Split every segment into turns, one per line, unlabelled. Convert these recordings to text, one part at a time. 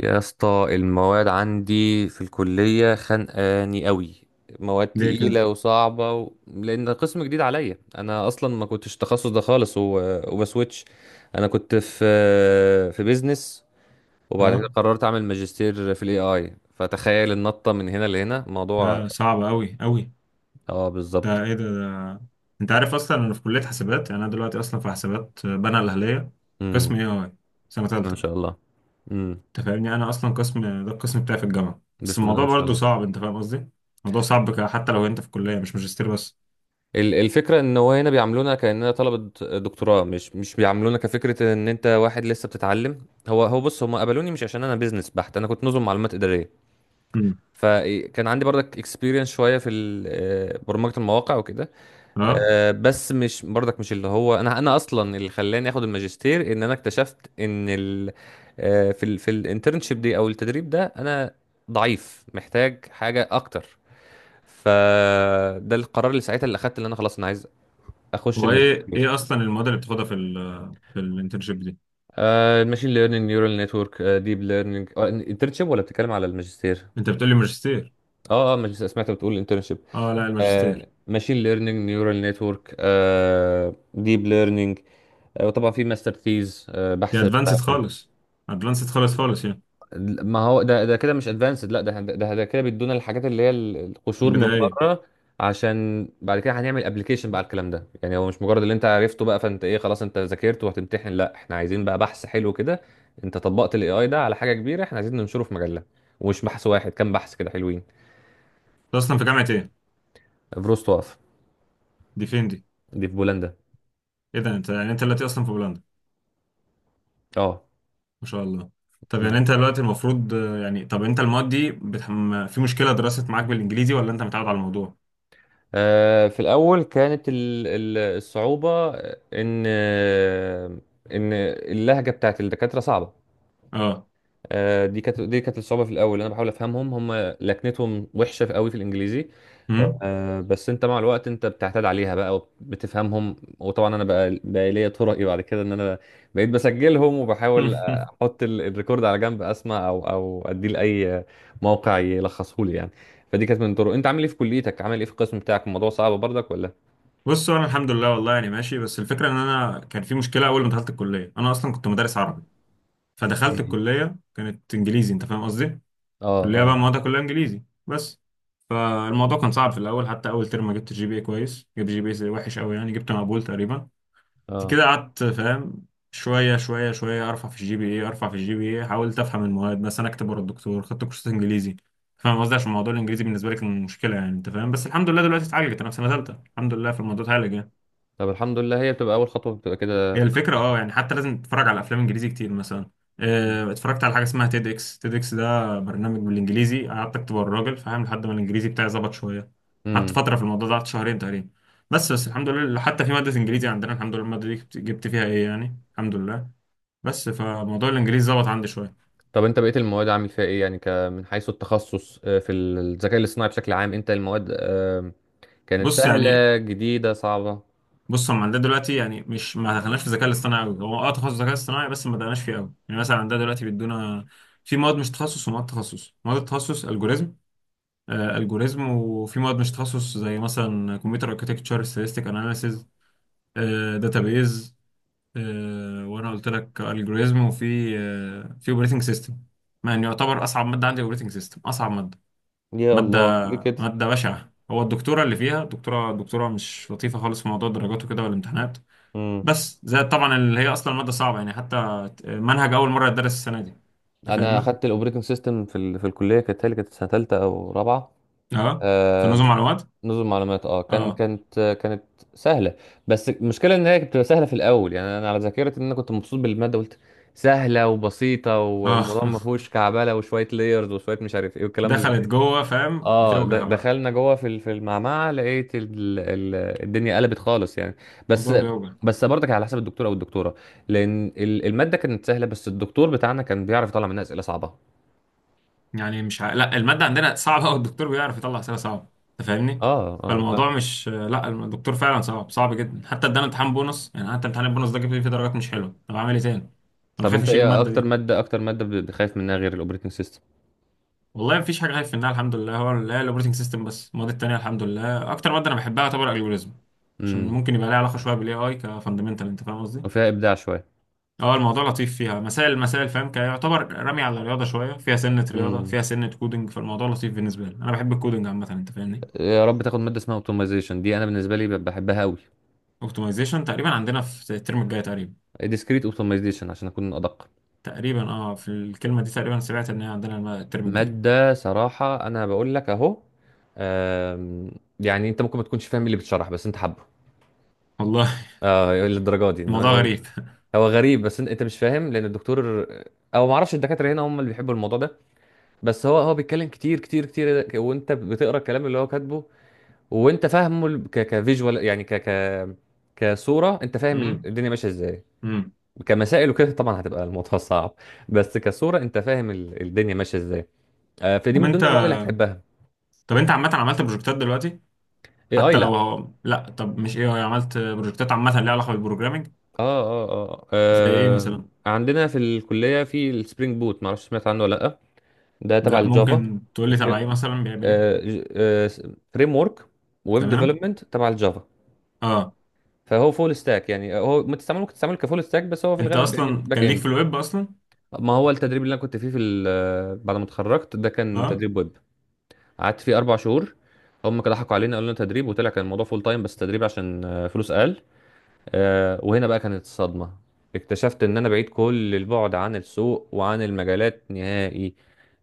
يا اسطى المواد عندي في الكلية خانقاني قوي. مواد
ليه كده؟
تقيلة وصعبة لأن قسم جديد عليا، أنا أصلا ما كنتش التخصص ده خالص وبسويتش. أنا كنت في بيزنس، وبعد كده
اه.
قررت أعمل ماجستير في الاي اي، فتخيل النطة من هنا لهنا موضوع.
لا، صعب قوي قوي.
اه بالظبط.
ده ايه ده. انت عارف اصلا انا في كليه حسابات، يعني انا دلوقتي اصلا في حسابات بنها الاهليه.
امم.
قسم اي اي، سنه
بسم الله ما شاء
ثالثه.
الله. امم.
انت فاهمني؟ انا اصلا قسم ده القسم بتاعي في الجامعه، بس
بسم الله
الموضوع
ما شاء
برضه
الله.
صعب، انت فاهم قصدي. الموضوع صعب حتى لو انت في كليه مش ماجستير بس.
الفكرة ان هو هنا بيعاملونا كأننا طلبة دكتوراه، مش بيعاملونا كفكرة ان انت واحد لسه بتتعلم. هو بص، هم قبلوني مش عشان انا بيزنس بحت، انا كنت نظم معلومات إدارية.
امم.
فكان عندي برضك اكسبيرينس شوية في برمجة المواقع وكده.
اه.
بس مش برضك، مش اللي هو انا، انا اللي خلاني اخد الماجستير ان انا اكتشفت ان ال آه، في في الانترنشيب دي او التدريب ده، انا ضعيف محتاج حاجة اكتر. فده القرار اللي ساعتها، اللي اخدت، اللي انا خلاص انا عايز اخش
هو ايه
الماجستير.
ايه اصلا المواد اللي بتاخدها في ال في الانترنشيب دي؟
الماشين ليرنينج، نيورال نتورك، ديب ليرنينج. انترنشيب ولا بتتكلم على الماجستير؟
انت بتقول لي ماجستير؟
اه اه، ماجستير، سمعت بتقول انترنشيب.
اه، لا، الماجستير.
ماشين ليرنينج، نيورال نتورك، ديب ليرنينج. وطبعا في ماستر ثيز،
دي
بحث بتاع.
ادفانسد خالص، ادفانسد خالص خالص يعني.
ما هو ده، ده كده مش ادفانسد، لا ده كده بيدونا الحاجات اللي هي القشور من
بدائيه انت
بره، عشان بعد كده هنعمل ابلكيشن بقى على الكلام ده. يعني هو مش مجرد اللي انت عرفته بقى، فانت ايه، خلاص انت ذاكرت وهتمتحن؟ لا، احنا عايزين بقى بحث حلو كده. انت طبقت الاي اي ده على حاجه كبيره، احنا عايزين ننشره في مجله، ومش بحث واحد، كام بحث كده حلوين.
اصلا في جامعه ايه؟
فروست وقف.
دي فين دي؟
دي في بولندا.
ايه ده، انت يعني انت دلوقتي اصلا في بولندا؟
اه.
ما شاء الله. طب
م.
يعني انت دلوقتي المفروض، يعني طب انت المواد دي في مشكله، درست معاك بالانجليزي ولا انت متعود على الموضوع؟
في الاول كانت الصعوبه ان ان اللهجه بتاعت الدكاتره صعبه.
اه.
دي كانت الصعوبه في الاول، انا بحاول افهمهم هم، لكنتهم وحشه في قوي في الانجليزي.
امم.
بس انت مع الوقت انت بتعتاد عليها بقى وبتفهمهم. وطبعا انا بقى ليا طرقي بعد كده، ان انا بقيت بسجلهم وبحاول احط الريكورد على جنب، اسمع او اديه لاي موقع يلخصه لي يعني. فدي كانت من الطرق. انت عامل ايه في كليتك، عامل ايه في القسم بتاعك؟ الموضوع صعب برضك ولا؟
بصوا، انا الحمد لله، والله يعني ماشي، بس الفكره ان انا كان في مشكله اول ما دخلت الكليه، انا اصلا كنت مدرس عربي، فدخلت
مم.
الكليه كانت انجليزي، انت فاهم قصدي.
اه
كليه بقى
اه
موادها كلها انجليزي بس، فالموضوع كان صعب في الاول، حتى اول ترم ما جبت جي بي اي كويس، جبت جي بي اي وحش قوي يعني، جبت مقبول تقريبا.
اه.
كده قعدت فاهم، شوية شوية شوية أرفع في الجي بي إيه، أرفع في الجي بي إيه، حاولت أفهم المواد، مثلا أكتب ورا الدكتور، خدت كورسات إنجليزي، فاهم قصدي، عشان موضوع الإنجليزي بالنسبة لي كان مشكلة، يعني أنت فاهم، بس الحمد لله دلوقتي اتعالجت، أنا في سنة تالتة الحمد لله، في الموضوع اتعالج يعني.
طب الحمد لله، هي بتبقى اول خطوه بتبقى
هي
كده.
الفكرة أه، يعني حتى لازم تتفرج على أفلام إنجليزي كتير مثلا، اتفرجت على حاجة اسمها تيد إكس، تيد إكس ده برنامج بالإنجليزي، قعدت أكتب ورا الراجل فاهم، لحد ما الإنجليزي بتاعي ظبط شوية. قعدت
مم.
فترة في الموضوع ده، قعدت شهرين تقريبا. بس الحمد لله، حتى في مادة إنجليزي عندنا الحمد لله، المادة دي جبت فيها إيه يعني، الحمد لله. بس فموضوع الانجليزي ظبط عندي شويه.
طب انت بقيت المواد عامل فيها ايه يعني، من حيث التخصص؟ في الذكاء الاصطناعي بشكل عام، انت المواد كانت
بص يعني.
سهلة، جديدة، صعبة؟
بص، هم عندنا دلوقتي يعني، مش، ما دخلناش في الذكاء الاصطناعي قوي. هو تخصص ذكاء اصطناعي، بس ما دخلناش فيه قوي يعني. مثلا عندنا دلوقتي بيدونا في مواد مش تخصص ومواد تخصص. مواد التخصص الجوريزم، الجوريزم، وفي مواد مش تخصص زي مثلا كمبيوتر اركتكتشر، ستاتستيك اناليسيز، داتابيز، وانا قلت لك الجوريزم، وفي آه في اوبريتنج سيستم. يعني يعتبر اصعب ماده عندي اوبريتنج سيستم، اصعب ماده.
يا
مادة
الله، ليه كده؟
مادة بشعة، هو الدكتورة اللي فيها دكتورة مش لطيفة خالص في موضوع الدرجات وكده والامتحانات،
امم.
بس زائد طبعا اللي هي أصلا مادة صعبة يعني، حتى منهج أول مرة يتدرس السنة دي. أنت
انا
فاهمنا؟
اخدت الاوبريتنج سيستم في في الكلية، كانت هي كانت سنة تالتة او رابعة.
أه. في
آه،
نظم معلومات؟
نظم معلومات. اه كان
أه.
كانت سهلة. بس المشكلة ان هي كانت بتبقى سهلة في الاول. يعني انا على ذاكرتي ان انا كنت مبسوط بالمادة، قلت سهلة وبسيطة
أه.
والموضوع ما فيهوش كعبلة، وشوية لايرز وشوية مش عارف ايه والكلام.
دخلت جوه فاهم،
اه،
بتوجع بقى.
دخلنا جوه في في المعمعه، لقيت الدنيا قلبت خالص يعني. بس
الموضوع بيوجع.
برضك على حسب الدكتور او الدكتوره، لان الماده كانت سهله، بس الدكتور بتاعنا كان بيعرف يطلع منها اسئله صعبه.
يعني مش لا، المادة عندنا صعبة والدكتور بيعرف يطلع أسئلة صعبة، أنت فاهمني؟
اه اه،
فالموضوع
لا.
مش، لا، الدكتور فعلا صعب، صعب جدا، حتى ادانا امتحان بونص، يعني حتى امتحان البونص ده جبت فيه درجات مش حلوة، طب أعمل إيه تاني؟ أنا
طب
خايف
انت
أشيل
ايه
المادة
اكتر
دي.
ماده، بخايف منها غير الاوبريتنج سيستم؟
والله مفيش حاجة خايف منها الحمد لله، هو لا، الأوبريتنج سيستم بس، المواد التانية الحمد لله. أكتر مادة أنا بحبها يعتبر الجوريزم، عشان
امم.
ممكن يبقى لها علاقة شوية بالاي اي كفاندمنتال، انت فاهم قصدي؟
وفيها ابداع شويه.
اه، الموضوع لطيف فيها، مسائل مسائل فاهم، كيعتبر رمي على الرياضة شوية، فيها سنة رياضة
امم.
فيها سنة كودنج، فالموضوع لطيف بالنسبة لي، أنا بحب الكودنج عامة، انت فاهمني؟
يا رب تاخد ماده اسمها اوتومايزيشن، دي انا بالنسبه لي بحبها قوي.
اوبتمايزيشن تقريبا عندنا في الترم الجاي تقريبا.
ديسكريت اوتومايزيشن عشان اكون ادق.
تقريبا اه، في الكلمه دي تقريبا سمعت ان هي عندنا الترم الجاي.
مادة، صراحة أنا بقول لك أهو. آم، يعني أنت ممكن ما تكونش فاهم إيه اللي بيتشرح، بس أنت حابه
والله.
أه للدرجة دي إن
الموضوع
هو
غريب.
هو غريب. بس أنت مش فاهم، لأن الدكتور أو ما أعرفش الدكاترة هنا هم اللي بيحبوا الموضوع ده. بس هو بيتكلم كتير كتير كتير، وأنت بتقرأ الكلام اللي هو كاتبه، وأنت فاهمه ال- ك كفيجوال يعني، ك ك كصورة، أنت فاهم
امم.
الدنيا ماشية إزاي.
امم.
كمسائل وكده طبعا هتبقى الموضوع صعب، بس كصورة أنت فاهم الدنيا ماشية إزاي. فدي
طب
من
انت
ضمن المواد اللي هتحبها.
طب انت عامه عملت بروجكتات دلوقتي؟
اي
حتى
اي.
لو هو، لا، طب مش ايه، هو عملت بروجكتات عامه ليها علاقه بالبروجرامنج؟
اه اه اه.
زي ايه مثلا؟
عندنا في الكلية في السبرينج بوت، معرفش سمعت عنه ولا لأ. ده تبع
لا،
الجافا.
ممكن تقول لي تبع
فريم
ايه مثلا بيعمل ايه.
فريم ورك، ويب
تمام.
ديفلوبمنت تبع الجافا.
اه.
فهو فول ستاك. يعني هو ما تستعمله ممكن تستعمله كفول ستاك، بس هو في
انت
الغالب يعني
اصلا
باك
كان ليك
اند.
في الويب اصلا؟
ما هو التدريب اللي انا كنت فيه في بعد ما اتخرجت ده كان
اه،
تدريب ويب، قعدت فيه 4 شهور. هم كده ضحكوا علينا، قالوا لنا تدريب وطلع كان الموضوع فول تايم، بس تدريب عشان فلوس اقل. وهنا بقى كانت الصدمة، اكتشفت ان انا بعيد كل البعد عن السوق وعن المجالات نهائي.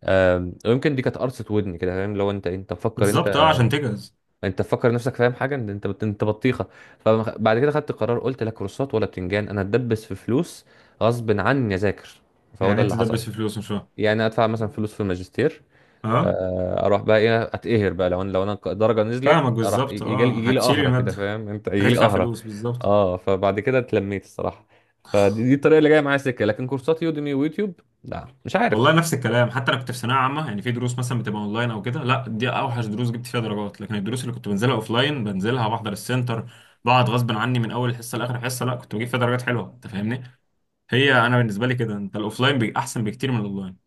ويمكن دي كانت قرصة ودني كده، فاهم؟ لو انت مفكر، انت
بالظبط، اه عشان تجهز.
انت مفكر نفسك فاهم حاجة، انت انت بطيخة. فبعد كده خدت قرار، قلت لا كورسات ولا بتنجان، انا اتدبس في فلوس غصب عني اذاكر. فهو ده
يعني انت
اللي حصل.
تدبس في فلوس، مش فاهم.
يعني ادفع مثلا فلوس في الماجستير،
اه،
اروح بقى ايه، اتقهر بقى لو انا، لو انا الدرجه نزلت
فاهمك
اروح،
بالظبط،
يجي
اه،
لي يجي لي
هتشيل
قهره كده
الماده،
فاهم انت، يجي لي
هتدفع
قهره.
فلوس بالظبط.
اه، فبعد كده اتلميت الصراحه. فدي الطريقه اللي جايه معايا سكه، لكن كورسات يوديمي ويوتيوب، لا مش عارف.
والله نفس الكلام، حتى انا كنت في ثانويه عامه، يعني في دروس مثلا بتبقى اونلاين او كده، لا دي اوحش دروس جبت فيها درجات، لكن الدروس اللي كنت بنزلها اوفلاين، بنزلها بحضر السنتر، بقعد غصب عني من اول حصه لاخر حصه، لا كنت بجيب فيها درجات حلوه، انت فاهمني. هي انا بالنسبه لي كده، انت الاوفلاين احسن بكتير من الاونلاين.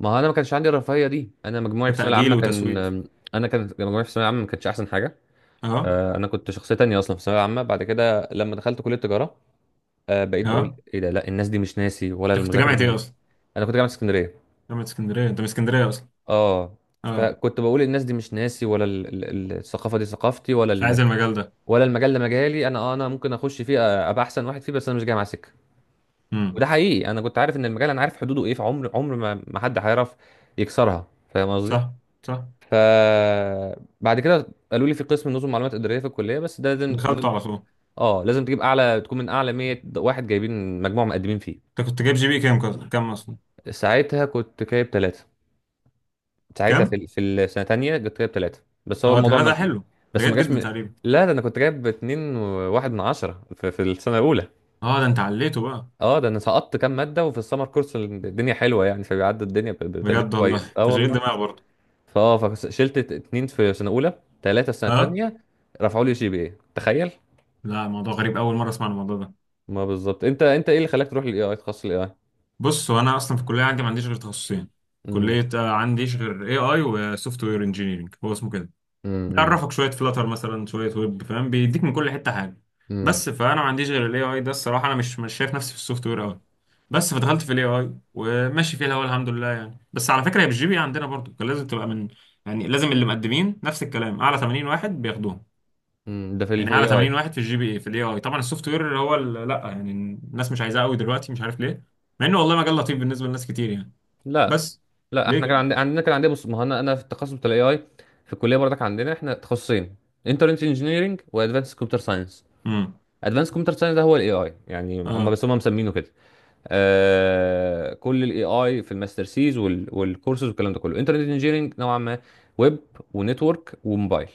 ما هو انا ما كانش عندي الرفاهيه دي، انا مجموعي في الثانويه
كتاجيل
العامه كان،
وتسويف.
انا كان مجموعي في الثانويه العامه ما كانتش احسن حاجه.
اه.
انا كنت شخصيه تانية اصلا في الثانويه العامه. بعد كده لما دخلت كليه تجاره، بقيت بقول
اه.
ايه ده، لا الناس دي مش ناسي ولا
انت كنت
المذاكره
جامعه
دي.
ايه اصلا؟
انا كنت جامعه اسكندريه.
جامعه اسكندريه. انت من اسكندريه اصلا؟
اه.
اه.
فكنت بقول الناس دي مش ناسي، ولا الثقافه دي ثقافتي، ولا
مش عايز المجال ده.
ولا المجال ده مجالي. انا اه انا ممكن اخش فيه، ابقى احسن واحد فيه، بس انا مش جاي مع سكه.
امم.
وده حقيقي، انا كنت عارف ان المجال، انا عارف حدوده ايه، فعمر عمر ما حد هيعرف يكسرها، فاهم قصدي.
صح. صح.
ف بعد كده قالوا لي في قسم نظم معلومات اداريه في الكليه، بس ده لازم
دخلته
لازم
على طول.
اه لازم تجيب اعلى، تكون من اعلى 100 واحد جايبين مجموع مقدمين فيه.
انت كنت جايب جي بي كام، كام اصلا؟
ساعتها كنت جايب 3. ساعتها
كام؟
في السنه الثانيه جبت، جايب 3. بس هو
اه،
الموضوع
ده ده
ما...
حلو، ده
بس ما
جيد
جاش
جدا
من.
تقريبا.
لا، ده انا كنت جايب 2.1 من 10 في, في السنه الاولى.
اه ده انت عليته بقى.
اه ده انا سقطت كام ماده، وفي السمر كورس الدنيا حلوه يعني، فبيعدي الدنيا بتقدير
بجد،
كويس.
والله
اه
تشغيل
والله.
دماغ برضه.
فاه فشلت 2 في سنه اولى، 3 سنه
اه.
ثانيه، رفعوا لي جي بي اي تخيل.
لا، موضوع غريب، اول مره اسمع عن الموضوع ده.
ما بالظبط، انت ايه اللي خلاك تروح للاي اي، تخصص الاي اي؟
بص، هو انا اصلا في الكليه عندي ما عنديش غير تخصصين،
امم.
كليه، عنديش غير اي اي وسوفت وير انجينيرنج، هو اسمه كده.
امم.
بيعرفك شويه فلاتر مثلا، شويه ويب فاهم، بيديك من كل حته حاجه. بس فانا ما عنديش غير الاي اي ده الصراحه، انا مش شايف نفسي في السوفت وير قوي. بس فدخلت في الاي اي وماشي فيها، هو الحمد لله يعني. بس على فكره هي بالجي بي عندنا برضه كان لازم تبقى من، يعني لازم، اللي مقدمين نفس الكلام، اعلى 80 واحد بياخدوهم.
امم. ده في
يعني
الاي
اعلى
اي.
80 واحد في الجي بي اي في الاي اي. طبعا السوفت وير اللي هو لا يعني، الناس مش عايزاه قوي دلوقتي، مش عارف ليه، مع انه والله مجال لطيف بالنسبه لناس كتير يعني.
لا،
بس.
لا
ليه
احنا كان
كده؟
عندنا، عندنا كان عندنا بص، ما هو انا في التخصص بتاع الاي اي في الكليه برضك عندنا احنا تخصصين: انترنت انجينيرنج وادفانس كمبيوتر ساينس.
امم.
ادفانس كمبيوتر ساينس ده هو الاي اي يعني، هم بس
اه.
هم مسمينه كده. آه كل الاي اي في الماستر سيز، وال والكورسز والكلام ده كله، انترنت انجينيرنج نوعا ما: ويب ونتورك وموبايل،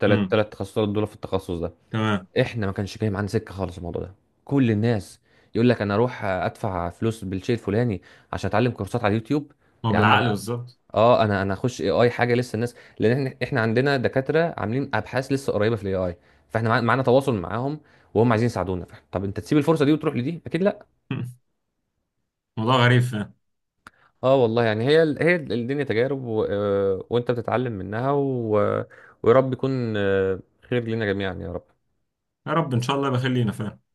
ثلاث
امم.
ثلاث تخصصات دول في التخصص ده.
تمام.
احنا ما كانش جاي معانا سكه خالص الموضوع ده. كل الناس يقول لك انا اروح ادفع فلوس بالشيء الفلاني عشان اتعلم كورسات على اليوتيوب.
هو
يا عم
بالعقل
انا،
بالظبط.
اه انا هخش اي اي، حاجه لسه الناس، لان احنا عندنا دكاتره عاملين ابحاث لسه قريبه في الاي اي، فاحنا معانا تواصل معاهم وهم عايزين يساعدونا. فإحنا، طب انت تسيب الفرصه دي وتروح لدي؟ اكيد لا.
موضوع غريب فاهم.
اه والله يعني، الدنيا تجارب و... آه، وانت بتتعلم منها ويا رب يكون آه، خير لنا جميعا يا رب.
يا رب ان شاء الله، بخلينا فاهم.